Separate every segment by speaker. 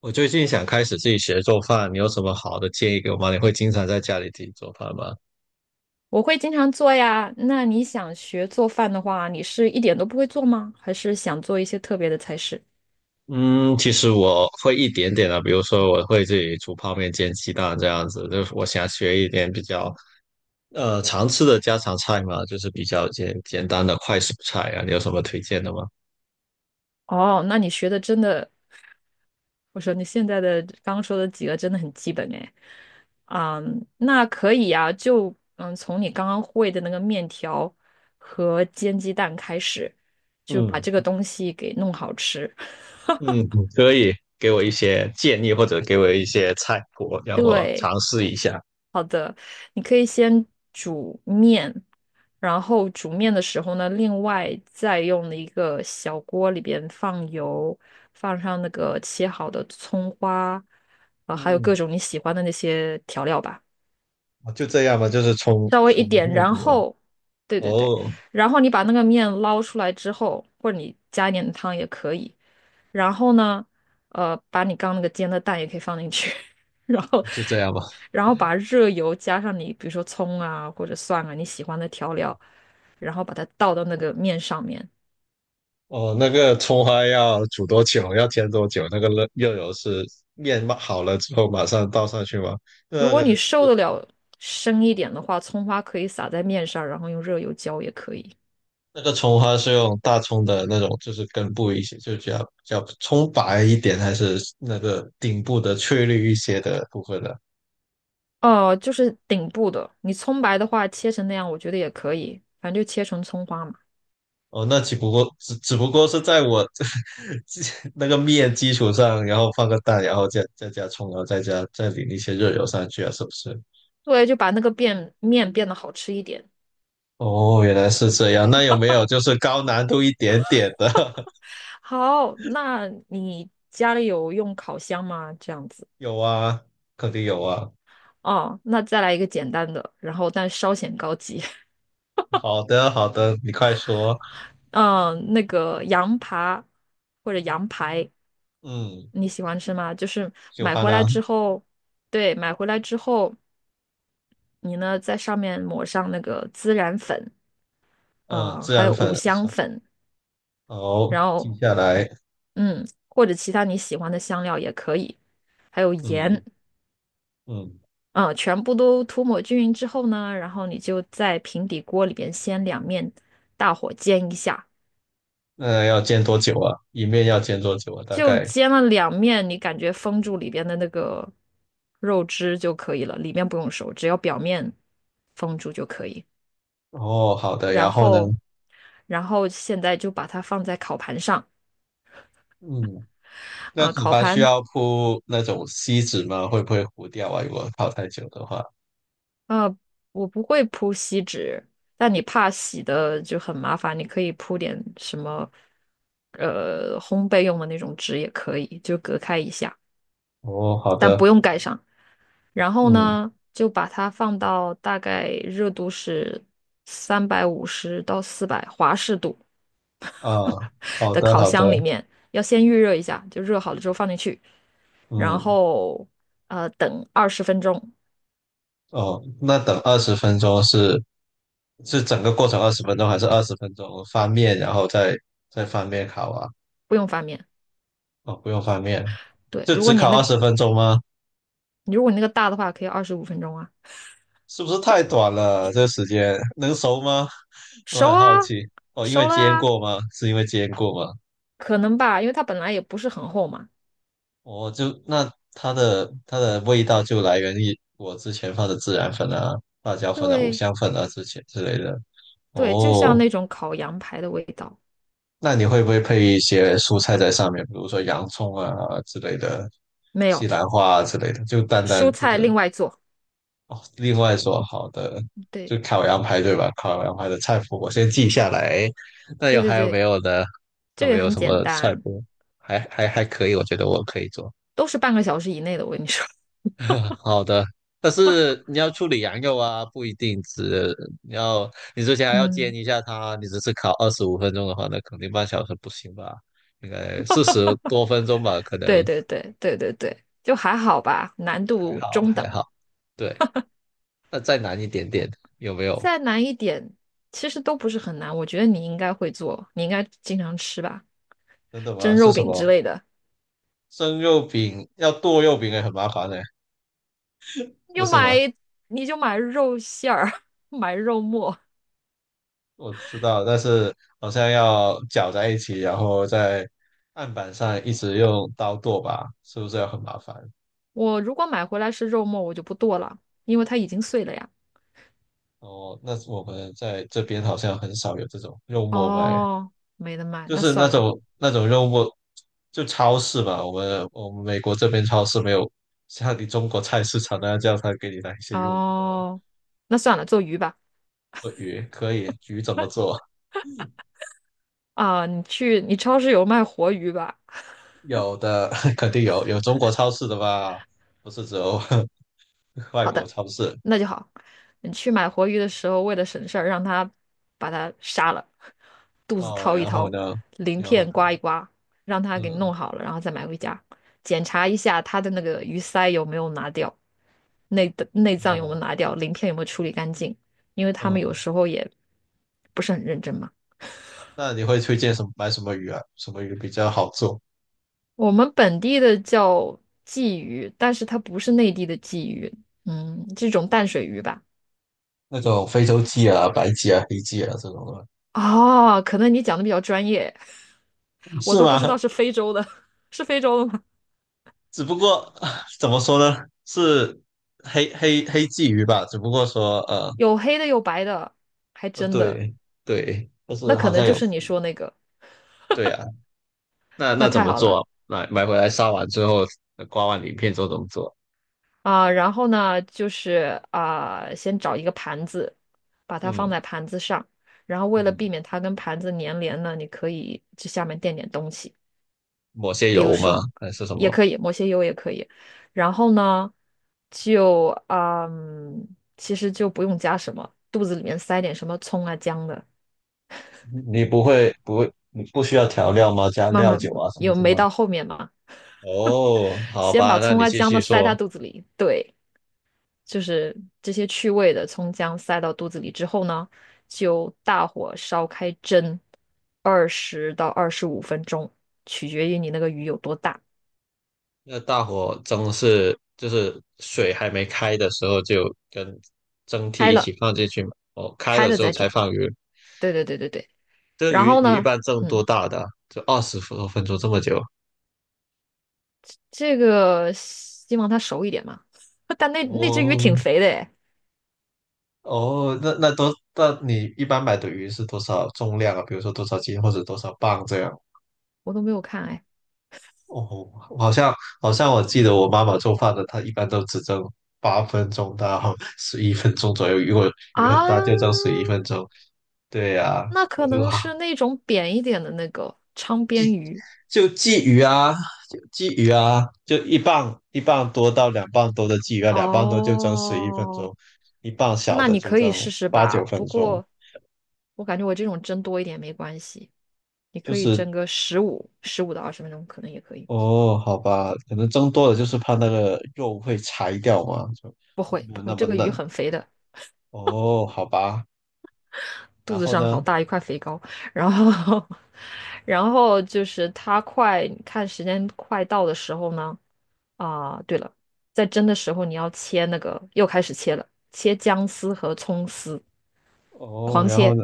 Speaker 1: 我最近想开始自己学做饭，你有什么好的建议给我吗？你会经常在家里自己做饭吗？
Speaker 2: 我会经常做呀。那你想学做饭的话，你是一点都不会做吗？还是想做一些特别的菜式？
Speaker 1: 嗯，其实我会一点点的，比如说我会自己煮泡面、煎鸡蛋这样子，就是我想学一点比较常吃的家常菜嘛，就是比较简单的快速菜啊，你有什么推荐的吗？
Speaker 2: 哦，那你学的真的，我说你现在的刚刚说的几个真的很基本哎。嗯，那可以呀，从你刚刚会的那个面条和煎鸡蛋开始，就把
Speaker 1: 嗯
Speaker 2: 这个东西给弄好吃。
Speaker 1: 嗯，可以给我一些建议或者给我一些菜谱，让我
Speaker 2: 对，
Speaker 1: 尝试一下。
Speaker 2: 你可以先煮面，然后煮面的时候呢，另外再用一个小锅里边放油，放上那个切好的葱花，啊、还有各
Speaker 1: 嗯，
Speaker 2: 种你喜欢的那些调料吧，
Speaker 1: 就这样吧，就是冲
Speaker 2: 稍微一
Speaker 1: 冲
Speaker 2: 点，
Speaker 1: 那
Speaker 2: 然
Speaker 1: 个
Speaker 2: 后，对对对，
Speaker 1: 哦，
Speaker 2: 然后你把那个面捞出来之后，或者你加一点汤也可以，然后呢，把你刚那个煎的蛋也可以放进去，然后，
Speaker 1: 就这样吧。
Speaker 2: 然后把热油加上你，比如说葱啊或者蒜啊你喜欢的调料，然后把它倒到那个面上面。
Speaker 1: 哦，那个葱花要煮多久？要煎多久？那个热油是面嘛好了之后马上倒上去吗？
Speaker 2: 如
Speaker 1: 那
Speaker 2: 果
Speaker 1: 个
Speaker 2: 你受得了深一点的话，葱花可以撒在面上，然后用热油浇也可以。
Speaker 1: 那个葱花是用大葱的那种，就是根部一些，就比较葱白一点，还是那个顶部的翠绿一些的部分呢？
Speaker 2: 哦、就是顶部的，你葱白的话切成那样，我觉得也可以，反正就切成葱花嘛。
Speaker 1: 哦，那只不过是在我 基那个面基础上，然后放个蛋，然后再加葱，然后再加再淋一些热油上去啊，是不是？
Speaker 2: 对，就把那个变面变得好吃一点。
Speaker 1: 哦，原来是这样。那有没有就是高难度一点点的？
Speaker 2: 好，那你家里有用烤箱吗？这样子。
Speaker 1: 有啊，肯定有啊。
Speaker 2: 哦，那再来一个简单的，然后但稍显高级。
Speaker 1: 好的，好的，你快说。
Speaker 2: 嗯，那个羊扒或者羊排，
Speaker 1: 嗯，
Speaker 2: 你喜欢吃吗？就是
Speaker 1: 喜
Speaker 2: 买
Speaker 1: 欢
Speaker 2: 回
Speaker 1: 啊，
Speaker 2: 来之后，对，买回来之后，你呢在上面抹上那个孜然粉，
Speaker 1: 嗯，孜
Speaker 2: 还
Speaker 1: 然
Speaker 2: 有
Speaker 1: 粉，
Speaker 2: 五香粉，
Speaker 1: 好，
Speaker 2: 然
Speaker 1: 记
Speaker 2: 后
Speaker 1: 下来。
Speaker 2: 或者其他你喜欢的香料也可以，还有盐。
Speaker 1: 嗯嗯，
Speaker 2: 嗯，全部都涂抹均匀之后呢，然后你就在平底锅里边先两面大火煎一下，
Speaker 1: 那要煎多久啊？一面要煎多久啊？大
Speaker 2: 就
Speaker 1: 概。
Speaker 2: 煎了两面，你感觉封住里边的那个肉汁就可以了，里面不用熟，只要表面封住就可以。
Speaker 1: 哦，好的。
Speaker 2: 然
Speaker 1: 然后呢？
Speaker 2: 后，然后现在就把它放在烤盘上，
Speaker 1: 嗯，那
Speaker 2: 啊、
Speaker 1: 骨
Speaker 2: 烤
Speaker 1: 盘需
Speaker 2: 盘
Speaker 1: 要铺那种锡纸吗？会不会糊掉啊？如果泡太久的话。
Speaker 2: 呃，我不会铺锡纸，但你怕洗的就很麻烦，你可以铺点什么，烘焙用的那种纸也可以，就隔开一下，
Speaker 1: 哦，好
Speaker 2: 但
Speaker 1: 的。
Speaker 2: 不用盖上。然后
Speaker 1: 嗯
Speaker 2: 呢，就把它放到大概热度是350到400华氏度
Speaker 1: 啊，好
Speaker 2: 的
Speaker 1: 的，
Speaker 2: 烤
Speaker 1: 好的。
Speaker 2: 箱里面，要先预热一下，就热好了之后放进去，然
Speaker 1: 嗯，
Speaker 2: 后等二十分钟，
Speaker 1: 哦，那等二十分钟是整个过程二十分钟还是二十分钟翻面，然后再翻面烤啊？
Speaker 2: 不用翻面。
Speaker 1: 哦，不用翻面，
Speaker 2: 对，
Speaker 1: 就
Speaker 2: 如果
Speaker 1: 只
Speaker 2: 你
Speaker 1: 烤
Speaker 2: 那
Speaker 1: 二十分钟吗？
Speaker 2: 你如果你那个大的话，可以二十五分钟啊，
Speaker 1: 是不是太短了？这个时间能熟吗？我
Speaker 2: 熟
Speaker 1: 很
Speaker 2: 啊，
Speaker 1: 好奇。哦，因为
Speaker 2: 熟了
Speaker 1: 煎
Speaker 2: 啊，
Speaker 1: 过吗？是因为煎过吗？
Speaker 2: 可能吧，因为它本来也不是很厚嘛。
Speaker 1: 我就那它的味道就来源于我之前放的孜然粉啊、辣椒粉啊、五
Speaker 2: 对
Speaker 1: 香粉啊之前之类的。
Speaker 2: 对，就像
Speaker 1: 哦，
Speaker 2: 那种烤羊排的味道，
Speaker 1: 那你会不会配一些蔬菜在上面，比如说洋葱啊之类的，
Speaker 2: 没
Speaker 1: 西
Speaker 2: 有，
Speaker 1: 兰花啊之类的？就单单
Speaker 2: 蔬
Speaker 1: 这
Speaker 2: 菜
Speaker 1: 个
Speaker 2: 另外做。
Speaker 1: 哦。另外说好的，就
Speaker 2: 对
Speaker 1: 烤羊排对吧？烤羊排的菜谱我先记下来。那
Speaker 2: 对
Speaker 1: 有
Speaker 2: 对
Speaker 1: 还有没
Speaker 2: 对，
Speaker 1: 有呢？还
Speaker 2: 这
Speaker 1: 有没
Speaker 2: 个
Speaker 1: 有
Speaker 2: 很
Speaker 1: 什
Speaker 2: 简
Speaker 1: 么菜
Speaker 2: 单，
Speaker 1: 谱？还可以，我觉得我可以做。
Speaker 2: 都是半个小时以内的。我跟你说，
Speaker 1: 好的，但是你要处理羊肉啊，不一定只你要你之前 还要煎
Speaker 2: 嗯，
Speaker 1: 一下它，你只是烤25分钟的话，那肯定半小时不行吧？应该40多分钟吧，可能
Speaker 2: 对对对对对对，就还好吧，难
Speaker 1: 还
Speaker 2: 度
Speaker 1: 好
Speaker 2: 中
Speaker 1: 还
Speaker 2: 等，
Speaker 1: 好。对，那再难一点点，有没有？
Speaker 2: 再难一点，其实都不是很难。我觉得你应该会做，你应该经常吃吧，
Speaker 1: 真的吗？
Speaker 2: 蒸
Speaker 1: 是
Speaker 2: 肉
Speaker 1: 什
Speaker 2: 饼
Speaker 1: 么？
Speaker 2: 之类的。
Speaker 1: 生肉饼要剁肉饼也很麻烦呢，
Speaker 2: 你
Speaker 1: 不
Speaker 2: 就
Speaker 1: 是吗？
Speaker 2: 买你就买肉馅儿，买肉末。
Speaker 1: 我知道，但是好像要搅在一起，然后在案板上一直用刀剁吧，是不是要很麻烦？
Speaker 2: 我如果买回来是肉末，我就不剁了，因为它已经碎了呀。
Speaker 1: 哦，那我们在这边好像很少有这种肉末卖，
Speaker 2: 哦，没得卖，
Speaker 1: 就
Speaker 2: 那
Speaker 1: 是那
Speaker 2: 算了。
Speaker 1: 种那种肉末，就超市吧。我们美国这边超市没有像你中国菜市场那样，叫他给你来一些肉末、
Speaker 2: 哦，那算了，做鱼吧。
Speaker 1: 鳄鱼，可以，鱼怎么做？
Speaker 2: 啊，你去你超市有卖活鱼吧？
Speaker 1: 有的 肯定有，有中国超市的吧，不是只有 外
Speaker 2: 好
Speaker 1: 国
Speaker 2: 的，
Speaker 1: 超市
Speaker 2: 那就好。你去买活鱼的时候，为了省事儿，让他把它杀了，肚子
Speaker 1: 哦。
Speaker 2: 掏一
Speaker 1: 然后
Speaker 2: 掏，
Speaker 1: 呢，
Speaker 2: 鳞
Speaker 1: 然后呢，
Speaker 2: 片刮一刮，让他给
Speaker 1: 嗯，
Speaker 2: 弄好了，然后再买回家，检查一下他的那个鱼鳃有没有拿掉，内脏有没有
Speaker 1: 哦，
Speaker 2: 拿掉，鳞片有没有处理干净，因为他们有
Speaker 1: 嗯，
Speaker 2: 时候也不是很认真嘛。
Speaker 1: 那你会推荐什么买什么鱼啊？什么鱼比较好做？
Speaker 2: 我们本地的叫鲫鱼，但是它不是内地的鲫鱼，嗯，这种淡水鱼吧。
Speaker 1: 那种非洲鲫啊、白鲫啊、黑鲫啊这种的，
Speaker 2: 哦，可能你讲的比较专业，我
Speaker 1: 是
Speaker 2: 都不知
Speaker 1: 吗？
Speaker 2: 道是非洲的，是非洲的吗？
Speaker 1: 只不过啊 怎么说呢，是黑鲫鱼吧？只不过说
Speaker 2: 有黑的，有白的，还真的，
Speaker 1: 对对，就
Speaker 2: 那
Speaker 1: 是
Speaker 2: 可
Speaker 1: 好像
Speaker 2: 能就
Speaker 1: 有
Speaker 2: 是你说那个，
Speaker 1: 对啊。那
Speaker 2: 那
Speaker 1: 那怎
Speaker 2: 太
Speaker 1: 么
Speaker 2: 好
Speaker 1: 做
Speaker 2: 了
Speaker 1: 啊买回来杀完之后，刮完鳞片之后怎么做？
Speaker 2: 啊。然后呢，就是啊，先找一个盘子，把它放
Speaker 1: 嗯
Speaker 2: 在盘子上，然后为了
Speaker 1: 嗯，
Speaker 2: 避免它跟盘子粘连呢，你可以这下面垫点东西，
Speaker 1: 抹些油吗？还是什
Speaker 2: 也
Speaker 1: 么？
Speaker 2: 可以，抹些油也可以。然后呢，就嗯，其实就不用加什么，肚子里面塞点什么葱啊姜的，
Speaker 1: 你不会不会，你不需要调料吗？加
Speaker 2: 慢
Speaker 1: 料
Speaker 2: 慢
Speaker 1: 酒啊什么
Speaker 2: 有
Speaker 1: 什
Speaker 2: 没
Speaker 1: 么？
Speaker 2: 到后面嘛，
Speaker 1: 哦，好
Speaker 2: 先
Speaker 1: 吧，
Speaker 2: 把
Speaker 1: 那
Speaker 2: 葱
Speaker 1: 你
Speaker 2: 啊
Speaker 1: 继
Speaker 2: 姜
Speaker 1: 续
Speaker 2: 的塞它
Speaker 1: 说。
Speaker 2: 肚子里，对，就是这些去味的葱姜塞到肚子里之后呢，就大火烧开蒸20到25分钟，取决于你那个鱼有多大。
Speaker 1: 那大火蒸是就是水还没开的时候就跟蒸屉
Speaker 2: 开
Speaker 1: 一起
Speaker 2: 了，
Speaker 1: 放进去嘛，哦，开
Speaker 2: 开
Speaker 1: 了
Speaker 2: 了
Speaker 1: 之后
Speaker 2: 再
Speaker 1: 才
Speaker 2: 蒸。
Speaker 1: 放鱼。
Speaker 2: 对对对对对。
Speaker 1: 这个
Speaker 2: 然
Speaker 1: 鱼
Speaker 2: 后
Speaker 1: 你一
Speaker 2: 呢，
Speaker 1: 般蒸多
Speaker 2: 嗯，
Speaker 1: 大的啊就20多分钟这么久？
Speaker 2: 这个希望它熟一点嘛。但那只鱼挺
Speaker 1: 哦
Speaker 2: 肥的哎，
Speaker 1: 哦，那你一般买的鱼是多少重量啊？比如说多少斤或者多少磅这样？
Speaker 2: 我都没有看哎。
Speaker 1: 哦，好像好像我记得我妈妈做饭的，她一般都只蒸8分钟到十一分钟左右，如果鱼
Speaker 2: 啊，
Speaker 1: 很大就蒸十一分钟。对呀、
Speaker 2: 那
Speaker 1: 我
Speaker 2: 可
Speaker 1: 就
Speaker 2: 能
Speaker 1: 哈。
Speaker 2: 是那种扁一点的那个昌边鱼。
Speaker 1: 就鲫鱼啊，就鲫鱼啊，就一磅多到两磅多的鲫鱼啊，两磅多就蒸十一分
Speaker 2: 哦，
Speaker 1: 钟，一磅小
Speaker 2: 那
Speaker 1: 的
Speaker 2: 你
Speaker 1: 就
Speaker 2: 可
Speaker 1: 蒸
Speaker 2: 以试试
Speaker 1: 八
Speaker 2: 吧。
Speaker 1: 九分
Speaker 2: 不
Speaker 1: 钟。
Speaker 2: 过，我感觉我这种蒸多一点没关系，你
Speaker 1: 就
Speaker 2: 可以
Speaker 1: 是
Speaker 2: 蒸个15、15到20分钟，可能也可以。
Speaker 1: 哦，好吧，可能蒸多了就是怕那个肉会柴掉嘛，就
Speaker 2: 不会，
Speaker 1: 没有
Speaker 2: 不
Speaker 1: 那
Speaker 2: 会，
Speaker 1: 么
Speaker 2: 这个鱼
Speaker 1: 嫩。
Speaker 2: 很肥的，
Speaker 1: 哦，好吧，
Speaker 2: 肚
Speaker 1: 然
Speaker 2: 子
Speaker 1: 后
Speaker 2: 上好
Speaker 1: 呢？
Speaker 2: 大一块肥膏。然后，然后就是它快，看时间快到的时候呢，啊、对了，在蒸的时候你要切那个，又开始切了，切姜丝和葱丝，
Speaker 1: 哦，
Speaker 2: 狂
Speaker 1: 然后
Speaker 2: 切，
Speaker 1: 呢？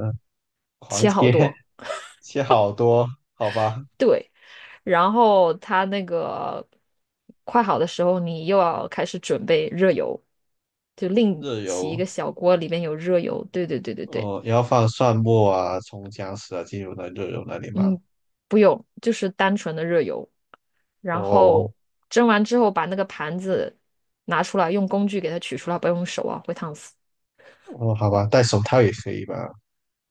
Speaker 1: 狂
Speaker 2: 切好
Speaker 1: 切
Speaker 2: 多。
Speaker 1: 切好多，好吧，
Speaker 2: 对，然后它那个快好的时候，你又要开始准备热油，就另
Speaker 1: 热
Speaker 2: 起一个
Speaker 1: 油。
Speaker 2: 小锅，里面有热油。对对对对对，
Speaker 1: 哦，要放蒜末啊、葱、姜丝啊进入那热油那里吗？
Speaker 2: 嗯，不用，就是单纯的热油。然
Speaker 1: 哦，
Speaker 2: 后蒸完之后，把那个盘子拿出来，用工具给它取出来，不要用手啊，会烫死。
Speaker 1: 哦，好吧，戴手套也可以吧？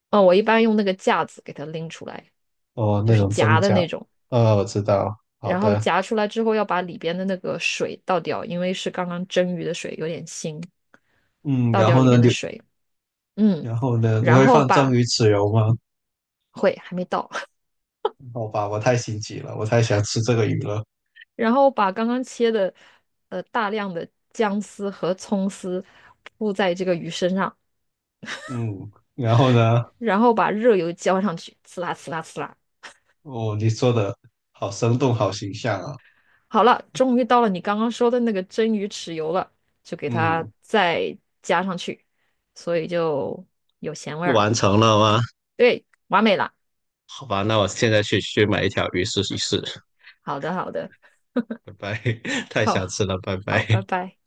Speaker 2: 嗯，我一般用那个架子给它拎出来，
Speaker 1: 哦，
Speaker 2: 就
Speaker 1: 那
Speaker 2: 是
Speaker 1: 种蒸
Speaker 2: 夹的
Speaker 1: 饺，
Speaker 2: 那种。
Speaker 1: 哦，我知道，好
Speaker 2: 然后
Speaker 1: 的，
Speaker 2: 夹出来之后，要把里边的那个水倒掉，因为是刚刚蒸鱼的水，有点腥，
Speaker 1: 嗯，
Speaker 2: 倒掉里面的水。嗯，
Speaker 1: 然后呢，你
Speaker 2: 然
Speaker 1: 会
Speaker 2: 后
Speaker 1: 放蒸
Speaker 2: 把，
Speaker 1: 鱼豉油吗？
Speaker 2: 会，还没到，
Speaker 1: 好吧，我太心急了，我太想吃这个鱼了，
Speaker 2: 然后把刚刚切的大量的姜丝和葱丝铺在这个鱼身上，
Speaker 1: 嗯，然后呢，
Speaker 2: 然后把热油浇上去，呲啦呲啦呲啦。
Speaker 1: 哦，你说的好生动，好形象啊，
Speaker 2: 好了，终于到了你刚刚说的那个蒸鱼豉油了，就给它
Speaker 1: 嗯，
Speaker 2: 再加上去，所以就有咸味儿了。
Speaker 1: 完成了吗？
Speaker 2: 对，完美了。
Speaker 1: 好吧，那我现在去买一条鱼试一试，
Speaker 2: 好的，好的，
Speaker 1: 拜拜，太想
Speaker 2: 好，
Speaker 1: 吃了，拜
Speaker 2: 好，
Speaker 1: 拜。
Speaker 2: 拜拜。